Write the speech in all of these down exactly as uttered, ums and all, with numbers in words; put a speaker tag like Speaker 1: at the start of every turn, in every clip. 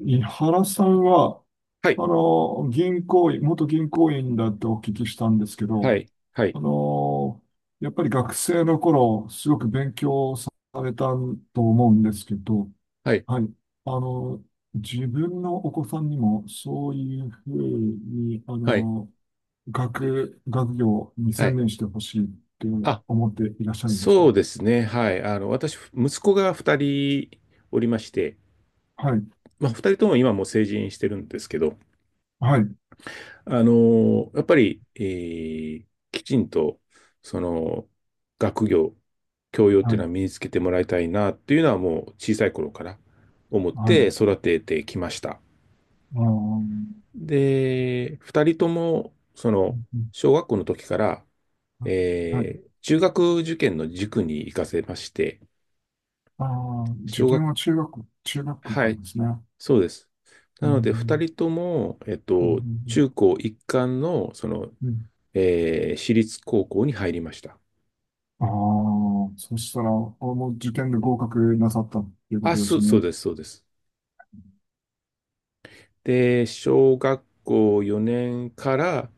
Speaker 1: 井原さんは、
Speaker 2: はい、
Speaker 1: あの、銀行員、元銀行員だってお聞きしたんですけ
Speaker 2: は
Speaker 1: ど、
Speaker 2: い、はい、
Speaker 1: あの、やっぱり学生の頃、すごく勉強されたと思うんですけど、
Speaker 2: はい、
Speaker 1: はい。あの、自分のお子さんにも、そういうふうに、あ
Speaker 2: はい、
Speaker 1: の、学、学業に
Speaker 2: は
Speaker 1: 専
Speaker 2: い。
Speaker 1: 念してほしいって
Speaker 2: あ、
Speaker 1: 思っていらっしゃるんですか？
Speaker 2: そうですね。はい。あの、私、息子がふたりおりまして、
Speaker 1: はい。
Speaker 2: まあ、ふたりとも今もう成人してるんですけど、
Speaker 1: はい。
Speaker 2: あの、やっぱり、えーきちんと、その、学業、教養ってい
Speaker 1: は
Speaker 2: う
Speaker 1: い。
Speaker 2: のは身につけてもらいたいなっていうのはもう小さい頃から思っ
Speaker 1: はい。
Speaker 2: て育ててきました。
Speaker 1: あー。
Speaker 2: で、ふたりとも、その、
Speaker 1: うん。
Speaker 2: 小学校の時から、
Speaker 1: はい。
Speaker 2: えー中学受験の塾に行かせまして、
Speaker 1: ああ、自
Speaker 2: 小
Speaker 1: 分
Speaker 2: 学、
Speaker 1: は中学、中学校
Speaker 2: は
Speaker 1: か
Speaker 2: い、
Speaker 1: らですね。
Speaker 2: そうです。
Speaker 1: う
Speaker 2: なので、二
Speaker 1: ん、
Speaker 2: 人とも、えっ
Speaker 1: う
Speaker 2: と、
Speaker 1: ん、
Speaker 2: 中高一貫の、その、
Speaker 1: うん。
Speaker 2: えー私立高校に入りました。
Speaker 1: ああー、そしたら、この受験で合格なさったっていうこ
Speaker 2: あ、
Speaker 1: とで
Speaker 2: そ
Speaker 1: す
Speaker 2: う、そう
Speaker 1: ね。
Speaker 2: です、そうです。で、小学校よねんから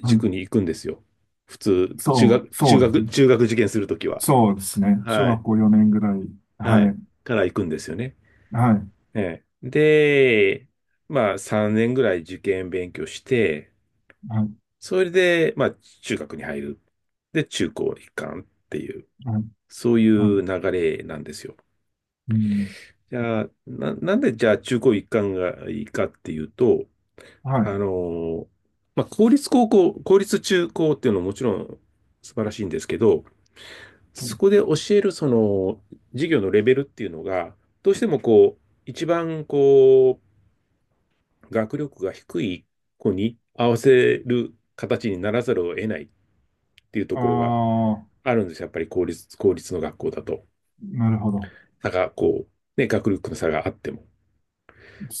Speaker 1: はい。
Speaker 2: 塾に行くんですよ。普通、中
Speaker 1: そう、
Speaker 2: 学、中
Speaker 1: そうです
Speaker 2: 学、
Speaker 1: ね。
Speaker 2: 中学受験するときは。
Speaker 1: そうですね。小
Speaker 2: はい。
Speaker 1: 学校よねんぐらい。
Speaker 2: は
Speaker 1: は
Speaker 2: い。
Speaker 1: い。
Speaker 2: から行くんですよね。
Speaker 1: はい。
Speaker 2: ええで、まあさんねんぐらい受験勉強して、
Speaker 1: はい。
Speaker 2: それで、まあ中学に入る。で、中高一貫っていう、
Speaker 1: はい。
Speaker 2: そうい
Speaker 1: はい。
Speaker 2: う流れなんですよ。
Speaker 1: うん。
Speaker 2: じゃあ、な、なんでじゃあ中高一貫がいいかっていうと、
Speaker 1: は
Speaker 2: あ
Speaker 1: い。
Speaker 2: のーまあ公立高校、公立中高っていうのももちろん素晴らしいんですけど、そこで教えるその授業のレベルっていうのが、どうしてもこう、一番こう、学力が低い子に合わせる形にならざるを得ないっていうと
Speaker 1: あ
Speaker 2: ころが
Speaker 1: あ
Speaker 2: あるんですよ。やっぱり公立、公立の学校だと。
Speaker 1: ー、なるほど。
Speaker 2: 差が、こう、ね、学力の差があっても。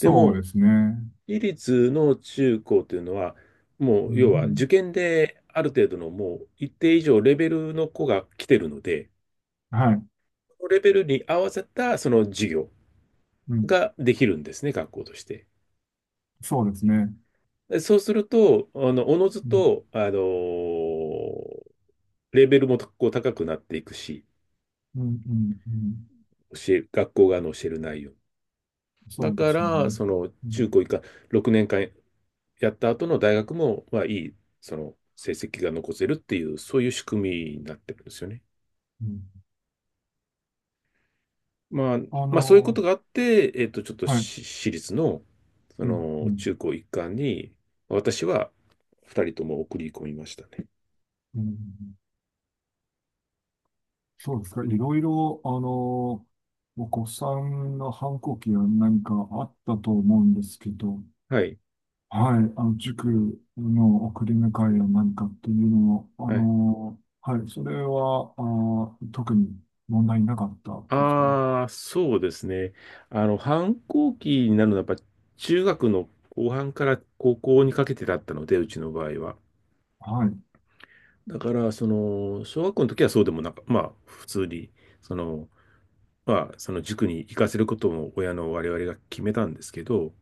Speaker 2: で
Speaker 1: うで
Speaker 2: も、
Speaker 1: すね。
Speaker 2: 私立の中高というのは、もう、
Speaker 1: う
Speaker 2: 要は
Speaker 1: ん。
Speaker 2: 受験である程度のもう一定以上レベルの子が来てるので、
Speaker 1: はい。
Speaker 2: そのレベルに合わせたその授業
Speaker 1: うん。
Speaker 2: ができるんですね、学校として。
Speaker 1: そうですね。
Speaker 2: でそうすると、あの、おのず
Speaker 1: うん。
Speaker 2: と、あのーレベルもこう高くなっていくし、
Speaker 1: うん。うん。うん。
Speaker 2: 教え、学校側の教える内容。
Speaker 1: そ
Speaker 2: だ
Speaker 1: うで
Speaker 2: か
Speaker 1: すね。
Speaker 2: ら、その
Speaker 1: う
Speaker 2: 中
Speaker 1: ん
Speaker 2: 高以下、ろくねんかんやった後の大学も、まあ、いい、その成績が残せるっていう、そういう仕組みになってるんですよね。
Speaker 1: うん。
Speaker 2: まあ、
Speaker 1: あ
Speaker 2: まあ、そういうこ
Speaker 1: の、
Speaker 2: とがあって、えっと、ちょっと
Speaker 1: はい。
Speaker 2: し私立の、そ
Speaker 1: うん、う
Speaker 2: の中
Speaker 1: ん、
Speaker 2: 高一貫に、私はふたりとも送り込みましたね。
Speaker 1: うん。そうですか。いろいろ、あの、お子さんの反抗期は何かあったと思うんですけど、
Speaker 2: はい。
Speaker 1: はい。あの、塾の送り迎えや何かっていうのもあ
Speaker 2: はい
Speaker 1: の、はい。それは、あー、特に問題なかったですか？
Speaker 2: ああ、そうですね。あの、反抗期になるのは、やっぱ中学の後半から高校にかけてだったので、うちの場合は。
Speaker 1: はい。
Speaker 2: だから、その、小学校の時はそうでもなか、まあ、普通に、その、まあ、その塾に行かせることも親の我々が決めたんですけど、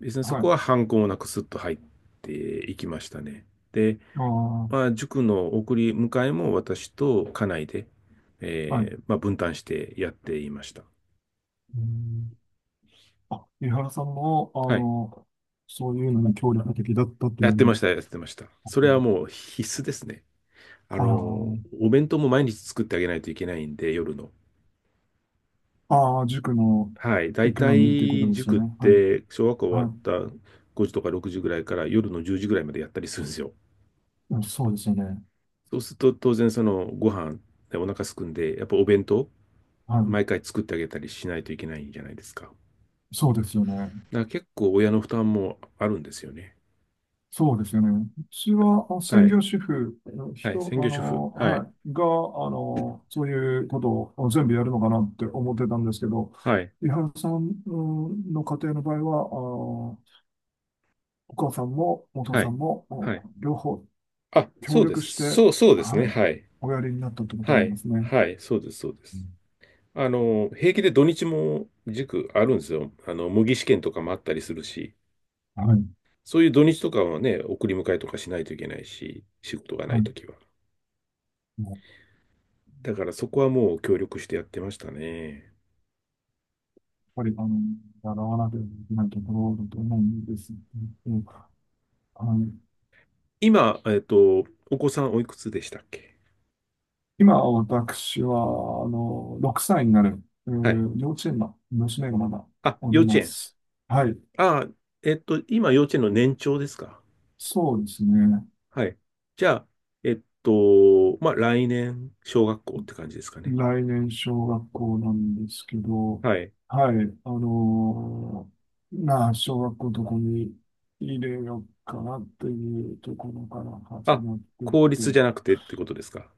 Speaker 2: 別にそ
Speaker 1: は
Speaker 2: こ
Speaker 1: い。
Speaker 2: は反抗もなくスッと入っていきましたね。で、
Speaker 1: ああ、
Speaker 2: まあ、塾の送り迎えも私と家内で、
Speaker 1: はい。
Speaker 2: えーまあ、分担してやっていました。
Speaker 1: うん。あ、井原さんも、あ
Speaker 2: はい。
Speaker 1: の、そういうのに協力的だったと
Speaker 2: やって
Speaker 1: い
Speaker 2: ま
Speaker 1: う。
Speaker 2: した、やってました。それはもう必須ですね。あ
Speaker 1: あ
Speaker 2: の、
Speaker 1: あ、
Speaker 2: お弁当も毎日作ってあげないといけないんで、夜の。
Speaker 1: ああ、塾の
Speaker 2: はい。だい
Speaker 1: 行く
Speaker 2: た
Speaker 1: のにっていうこと
Speaker 2: い
Speaker 1: ですよ
Speaker 2: 塾っ
Speaker 1: ね。はい。
Speaker 2: て、小学校終わ
Speaker 1: は
Speaker 2: っ
Speaker 1: い。
Speaker 2: たごじとかろくじぐらいから夜のじゅうじぐらいまでやったりするんですよ。
Speaker 1: うん。そうですよね。
Speaker 2: そうすると、当然そのご飯でお腹すくんで、やっぱお弁当、
Speaker 1: はい。
Speaker 2: 毎回作ってあげたりしないといけないじゃないですか。だか
Speaker 1: そうですよね。
Speaker 2: ら結構親の負担もあるんですよね。
Speaker 1: そうですよね。うちはあ
Speaker 2: は
Speaker 1: 専
Speaker 2: い。
Speaker 1: 業主婦、
Speaker 2: はい。
Speaker 1: 人、
Speaker 2: 専
Speaker 1: あ
Speaker 2: 業主婦。
Speaker 1: の、
Speaker 2: は
Speaker 1: は
Speaker 2: い。
Speaker 1: い、が、あの、そういうことを全部やるのかなって思ってたんですけど、
Speaker 2: はい。
Speaker 1: 伊原さんうんの家庭の場合は、あのお母さんもお父
Speaker 2: は
Speaker 1: さ
Speaker 2: い。
Speaker 1: んも、う
Speaker 2: はい。
Speaker 1: ん両方
Speaker 2: あ、
Speaker 1: 協
Speaker 2: そうで
Speaker 1: 力
Speaker 2: す。
Speaker 1: して、
Speaker 2: そう、そうです
Speaker 1: は
Speaker 2: ね。
Speaker 1: い、
Speaker 2: はい。
Speaker 1: おやりになったってことな
Speaker 2: は
Speaker 1: んで
Speaker 2: い、
Speaker 1: すね。
Speaker 2: はい、そうです、そうで
Speaker 1: う
Speaker 2: す。
Speaker 1: ん。
Speaker 2: あの、平気で土日も塾あるんですよ。あの、模擬試験とかもあったりするし、
Speaker 1: はい。
Speaker 2: そういう土日とかはね、送り迎えとかしないといけないし、仕事がな
Speaker 1: は
Speaker 2: い
Speaker 1: い。
Speaker 2: ときは。だからそこはもう協力してやってましたね。
Speaker 1: ぱり、あの、習わなければいけないところだと思うんですけど、あの、
Speaker 2: 今、えっと、お子さんおいくつでしたっけ？
Speaker 1: 今、私は、あの、ろくさいになる、え
Speaker 2: はい。
Speaker 1: ー幼稚園の娘がまだ
Speaker 2: あ、
Speaker 1: おり
Speaker 2: 幼稚
Speaker 1: ま
Speaker 2: 園。
Speaker 1: す。はい。
Speaker 2: あ、えっと、今幼稚園の年長ですか？
Speaker 1: そうですね。
Speaker 2: はい。じゃあ、えっと、まあ、来年、小学校って感じですかね。
Speaker 1: 来年、小学校なんですけど、
Speaker 2: はい。
Speaker 1: はい。あの、まあ、小学校どこに入れようかなっていうところから始
Speaker 2: あ、
Speaker 1: まってっ
Speaker 2: 効
Speaker 1: て、
Speaker 2: 率じゃなくてってことですか？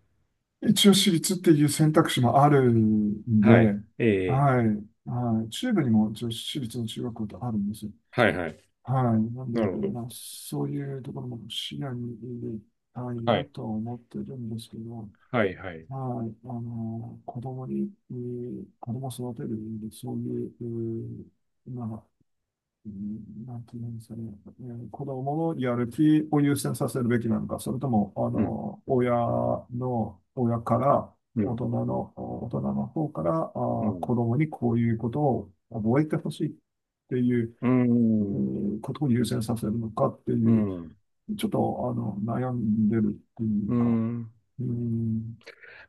Speaker 1: 一応私立っていう選択肢もあるんで、
Speaker 2: はい。ええ。
Speaker 1: はい、はい、中部にも一応私立の中学校ってあるんですよ。
Speaker 2: はいはい。
Speaker 1: はい。なん
Speaker 2: なる
Speaker 1: で、
Speaker 2: ほど。
Speaker 1: まあ、そういうところも視野に入れたい
Speaker 2: は
Speaker 1: な
Speaker 2: い。
Speaker 1: とは思ってるんですけど、
Speaker 2: はいはい。
Speaker 1: はい。あの、子供に、えー子供を育てる意味で、そういう、えーまあ、うんなんていうんですかね、えー子供のやる気を優先させるべきなのか、それとも、あ
Speaker 2: うん。
Speaker 1: の、親の、親から、
Speaker 2: う
Speaker 1: 大
Speaker 2: ん。
Speaker 1: 人の、大人の方から、あ
Speaker 2: う
Speaker 1: ー、
Speaker 2: ん。
Speaker 1: 子供にこういうことを覚えてほしいっていう、
Speaker 2: うー
Speaker 1: え
Speaker 2: ん。
Speaker 1: ーことを優先させるのかって
Speaker 2: う
Speaker 1: いう、
Speaker 2: ん。う
Speaker 1: ちょっと、あの、悩んでるっていうか、
Speaker 2: ん。
Speaker 1: うん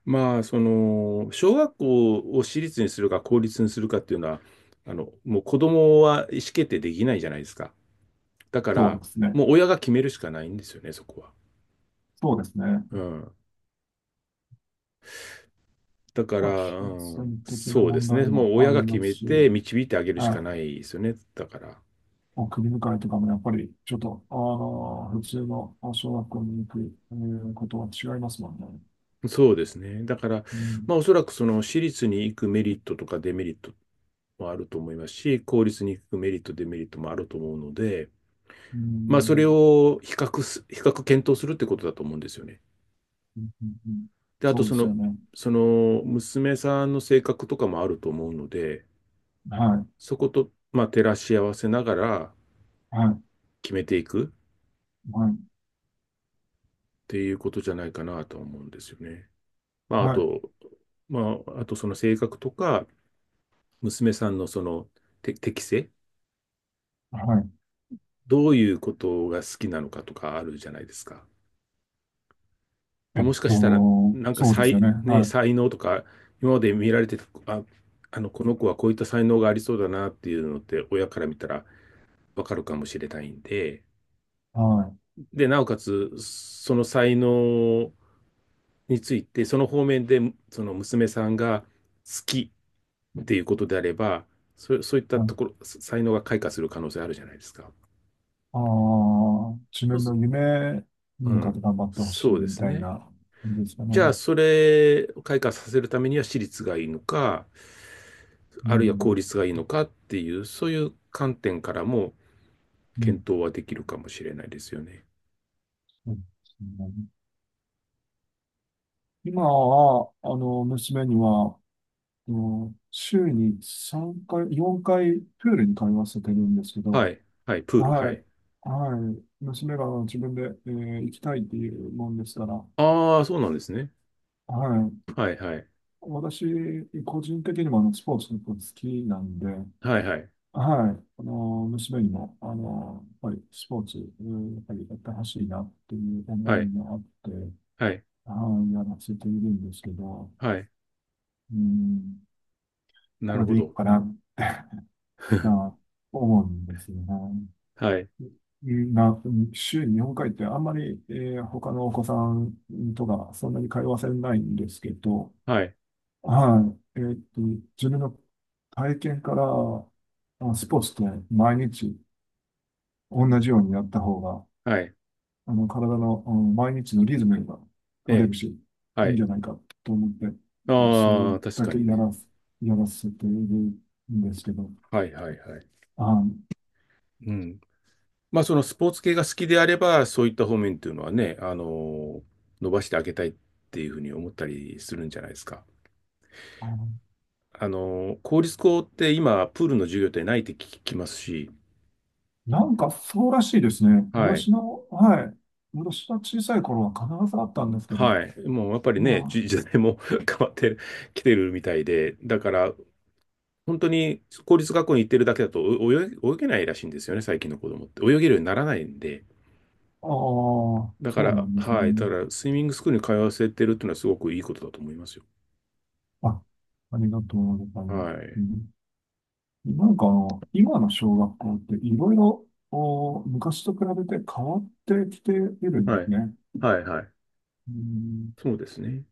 Speaker 2: まあ、その、小学校を私立にするか公立にするかっていうのは、あの、もう子供は意思決定できないじゃないですか。だか
Speaker 1: そ
Speaker 2: ら、
Speaker 1: うですね。
Speaker 2: もう親が決めるしかないんですよね、そこは。
Speaker 1: そうですね。
Speaker 2: うん。だか
Speaker 1: まあ、
Speaker 2: ら、
Speaker 1: 金
Speaker 2: うん、
Speaker 1: 銭的な
Speaker 2: そうで
Speaker 1: 問
Speaker 2: す
Speaker 1: 題
Speaker 2: ね。もう
Speaker 1: もあ
Speaker 2: 親
Speaker 1: り
Speaker 2: が決
Speaker 1: ます
Speaker 2: め
Speaker 1: し、
Speaker 2: て導いてあげるし
Speaker 1: は
Speaker 2: かな
Speaker 1: い。
Speaker 2: いですよね。だから。
Speaker 1: まあり向迎えとかもやっぱり、ちょっと、あの、普通のあ小学校に行く、えーことは違いますもんね。
Speaker 2: そうですね。だから、
Speaker 1: う
Speaker 2: ま
Speaker 1: ん、
Speaker 2: あ、おそらくその私立に行くメリットとかデメリットもあると思いますし、公立に行くメリット、デメリットもあると思うので、
Speaker 1: う
Speaker 2: まあ、それ
Speaker 1: ん、
Speaker 2: を比較す、比較検討するってことだと思うんですよね。
Speaker 1: うん、うんうん。
Speaker 2: で、あと
Speaker 1: そう
Speaker 2: そ
Speaker 1: です
Speaker 2: の、
Speaker 1: よね。
Speaker 2: その娘さんの性格とかもあると思うので、
Speaker 1: はい、
Speaker 2: そこと、まあ、照らし合わせながら
Speaker 1: はい、
Speaker 2: 決めていくっ
Speaker 1: はい、
Speaker 2: ていうことじゃないかなと思うんですよね。まあ、あ
Speaker 1: はい、
Speaker 2: と、まあ、あとその性格とか、娘さんのその、て適性
Speaker 1: はい。
Speaker 2: どういうことが好きなのかとかあるじゃないですか。で
Speaker 1: えっ
Speaker 2: もしかしたら、
Speaker 1: と、
Speaker 2: なんか
Speaker 1: そうですよ
Speaker 2: 才、
Speaker 1: ね。
Speaker 2: ね、
Speaker 1: はい、
Speaker 2: 才能とか、今まで見られてた、あ、あの、この子はこういった才能がありそうだなっていうのって、親から見たらわかるかもしれないんで、
Speaker 1: はい。
Speaker 2: で、なおかつ、その才能について、その方面で、その娘さんが好きっていうことであれば、そ、そういった
Speaker 1: は
Speaker 2: と
Speaker 1: い。
Speaker 2: ころ、才能が開花する可能性あるじゃないですか。
Speaker 1: ああ、自
Speaker 2: そ
Speaker 1: 分
Speaker 2: う
Speaker 1: の夢に
Speaker 2: う
Speaker 1: 向かって
Speaker 2: ん、
Speaker 1: 頑張ってほしい
Speaker 2: そうで
Speaker 1: み
Speaker 2: す
Speaker 1: たい
Speaker 2: ね。
Speaker 1: な感じですか
Speaker 2: じゃあ、
Speaker 1: ね。
Speaker 2: それを開花させるためには私立がいいのか、
Speaker 1: う
Speaker 2: あるいは公
Speaker 1: ん、
Speaker 2: 立がいいのかっていう、そういう観点からも
Speaker 1: う
Speaker 2: 検
Speaker 1: ん、
Speaker 2: 討はできるかもしれないですよね。
Speaker 1: そうですね。今は、あの、娘には、あの週にさんかい、よんかいプールに通わせてるんですけ
Speaker 2: は
Speaker 1: ど、
Speaker 2: い。はい。プール。は
Speaker 1: は
Speaker 2: い。
Speaker 1: い、はい、娘が自分で、えー行きたいっていうもんですから、
Speaker 2: ああ、そうなんですね。
Speaker 1: はい、
Speaker 2: はい。はい。
Speaker 1: 私、個人的にもあのスポーツ結構好きなんで、
Speaker 2: はい。はい。
Speaker 1: はい、あの娘にもあのやっぱりスポーツ、うんやっぱりやってほしいなっていう思
Speaker 2: はい。
Speaker 1: いがあって、
Speaker 2: はい。
Speaker 1: はい、やらせているんですけど、
Speaker 2: はい。
Speaker 1: うん、
Speaker 2: な
Speaker 1: こ
Speaker 2: る
Speaker 1: れ
Speaker 2: ほ
Speaker 1: でいい
Speaker 2: ど。
Speaker 1: かな と思うんですよね。
Speaker 2: はい。
Speaker 1: な、週に本回ってあんまり、えー他のお子さんとかそんなに通わせないんですけど、
Speaker 2: はい。
Speaker 1: はい。えーっと、自分の体験からあスポーツって毎日同じようにやった方が、
Speaker 2: はい。
Speaker 1: あの、体の、あの毎日のリズムが
Speaker 2: え
Speaker 1: 取れ
Speaker 2: え。
Speaker 1: るし、い
Speaker 2: は
Speaker 1: いん
Speaker 2: い。
Speaker 1: じゃないかと思って、それ
Speaker 2: ああ、確
Speaker 1: だ
Speaker 2: か
Speaker 1: け
Speaker 2: に
Speaker 1: や
Speaker 2: ね。
Speaker 1: らす、やらせているんですけど、
Speaker 2: はい。はい。はい。
Speaker 1: はい。
Speaker 2: うん。まあ、そのスポーツ系が好きであれば、そういった方面っていうのはね、あの、伸ばしてあげたいっていうふうに思ったりするんじゃないですか。あの、公立校って今、プールの授業ってないって聞きますし、
Speaker 1: なんかそうらしいですね。
Speaker 2: はい。
Speaker 1: 私の、はい。私は小さい頃は必ずあったんですけど、
Speaker 2: はい。もうやっぱりね、
Speaker 1: ま
Speaker 2: 時 時代も 変わってきてるみたいで、だから、本当に公立学校に行ってるだけだとお泳げ、泳げないらしいんですよね、最近の子供って。泳げるようにならないんで。
Speaker 1: あ、ああ、
Speaker 2: だか
Speaker 1: そうな
Speaker 2: ら、
Speaker 1: んです
Speaker 2: は
Speaker 1: ね。
Speaker 2: い。だから、スイミングスクールに通わせてるっていうのはすごくいいことだと思いますよ。
Speaker 1: あ、ありがとうございます。
Speaker 2: は
Speaker 1: う
Speaker 2: い。
Speaker 1: んなんかあの、今の小学校っていろいろお昔と比べて変わってきているん
Speaker 2: は
Speaker 1: です
Speaker 2: い。
Speaker 1: ね。
Speaker 2: はいはい。
Speaker 1: うん、
Speaker 2: そうですね。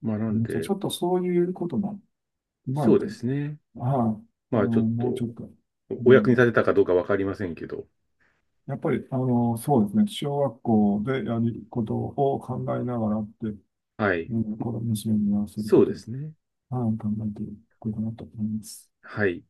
Speaker 2: まあな
Speaker 1: あ
Speaker 2: ん
Speaker 1: のち
Speaker 2: で、
Speaker 1: ょっとそういうことも、今や
Speaker 2: そう
Speaker 1: って、
Speaker 2: で
Speaker 1: はい、
Speaker 2: すね。
Speaker 1: あ
Speaker 2: ま
Speaker 1: の、
Speaker 2: あちょっと、
Speaker 1: もうちょっと、う
Speaker 2: おお役に立
Speaker 1: ん
Speaker 2: てたかどうかわかりませんけど。
Speaker 1: やっぱり、あの、そうですね。小学校でやることを考えながらって、
Speaker 2: はい。
Speaker 1: うん、この娘にやらせるこ
Speaker 2: そう
Speaker 1: と
Speaker 2: で
Speaker 1: を、
Speaker 2: すね。
Speaker 1: はい、考えていこうかなと思います。
Speaker 2: はい。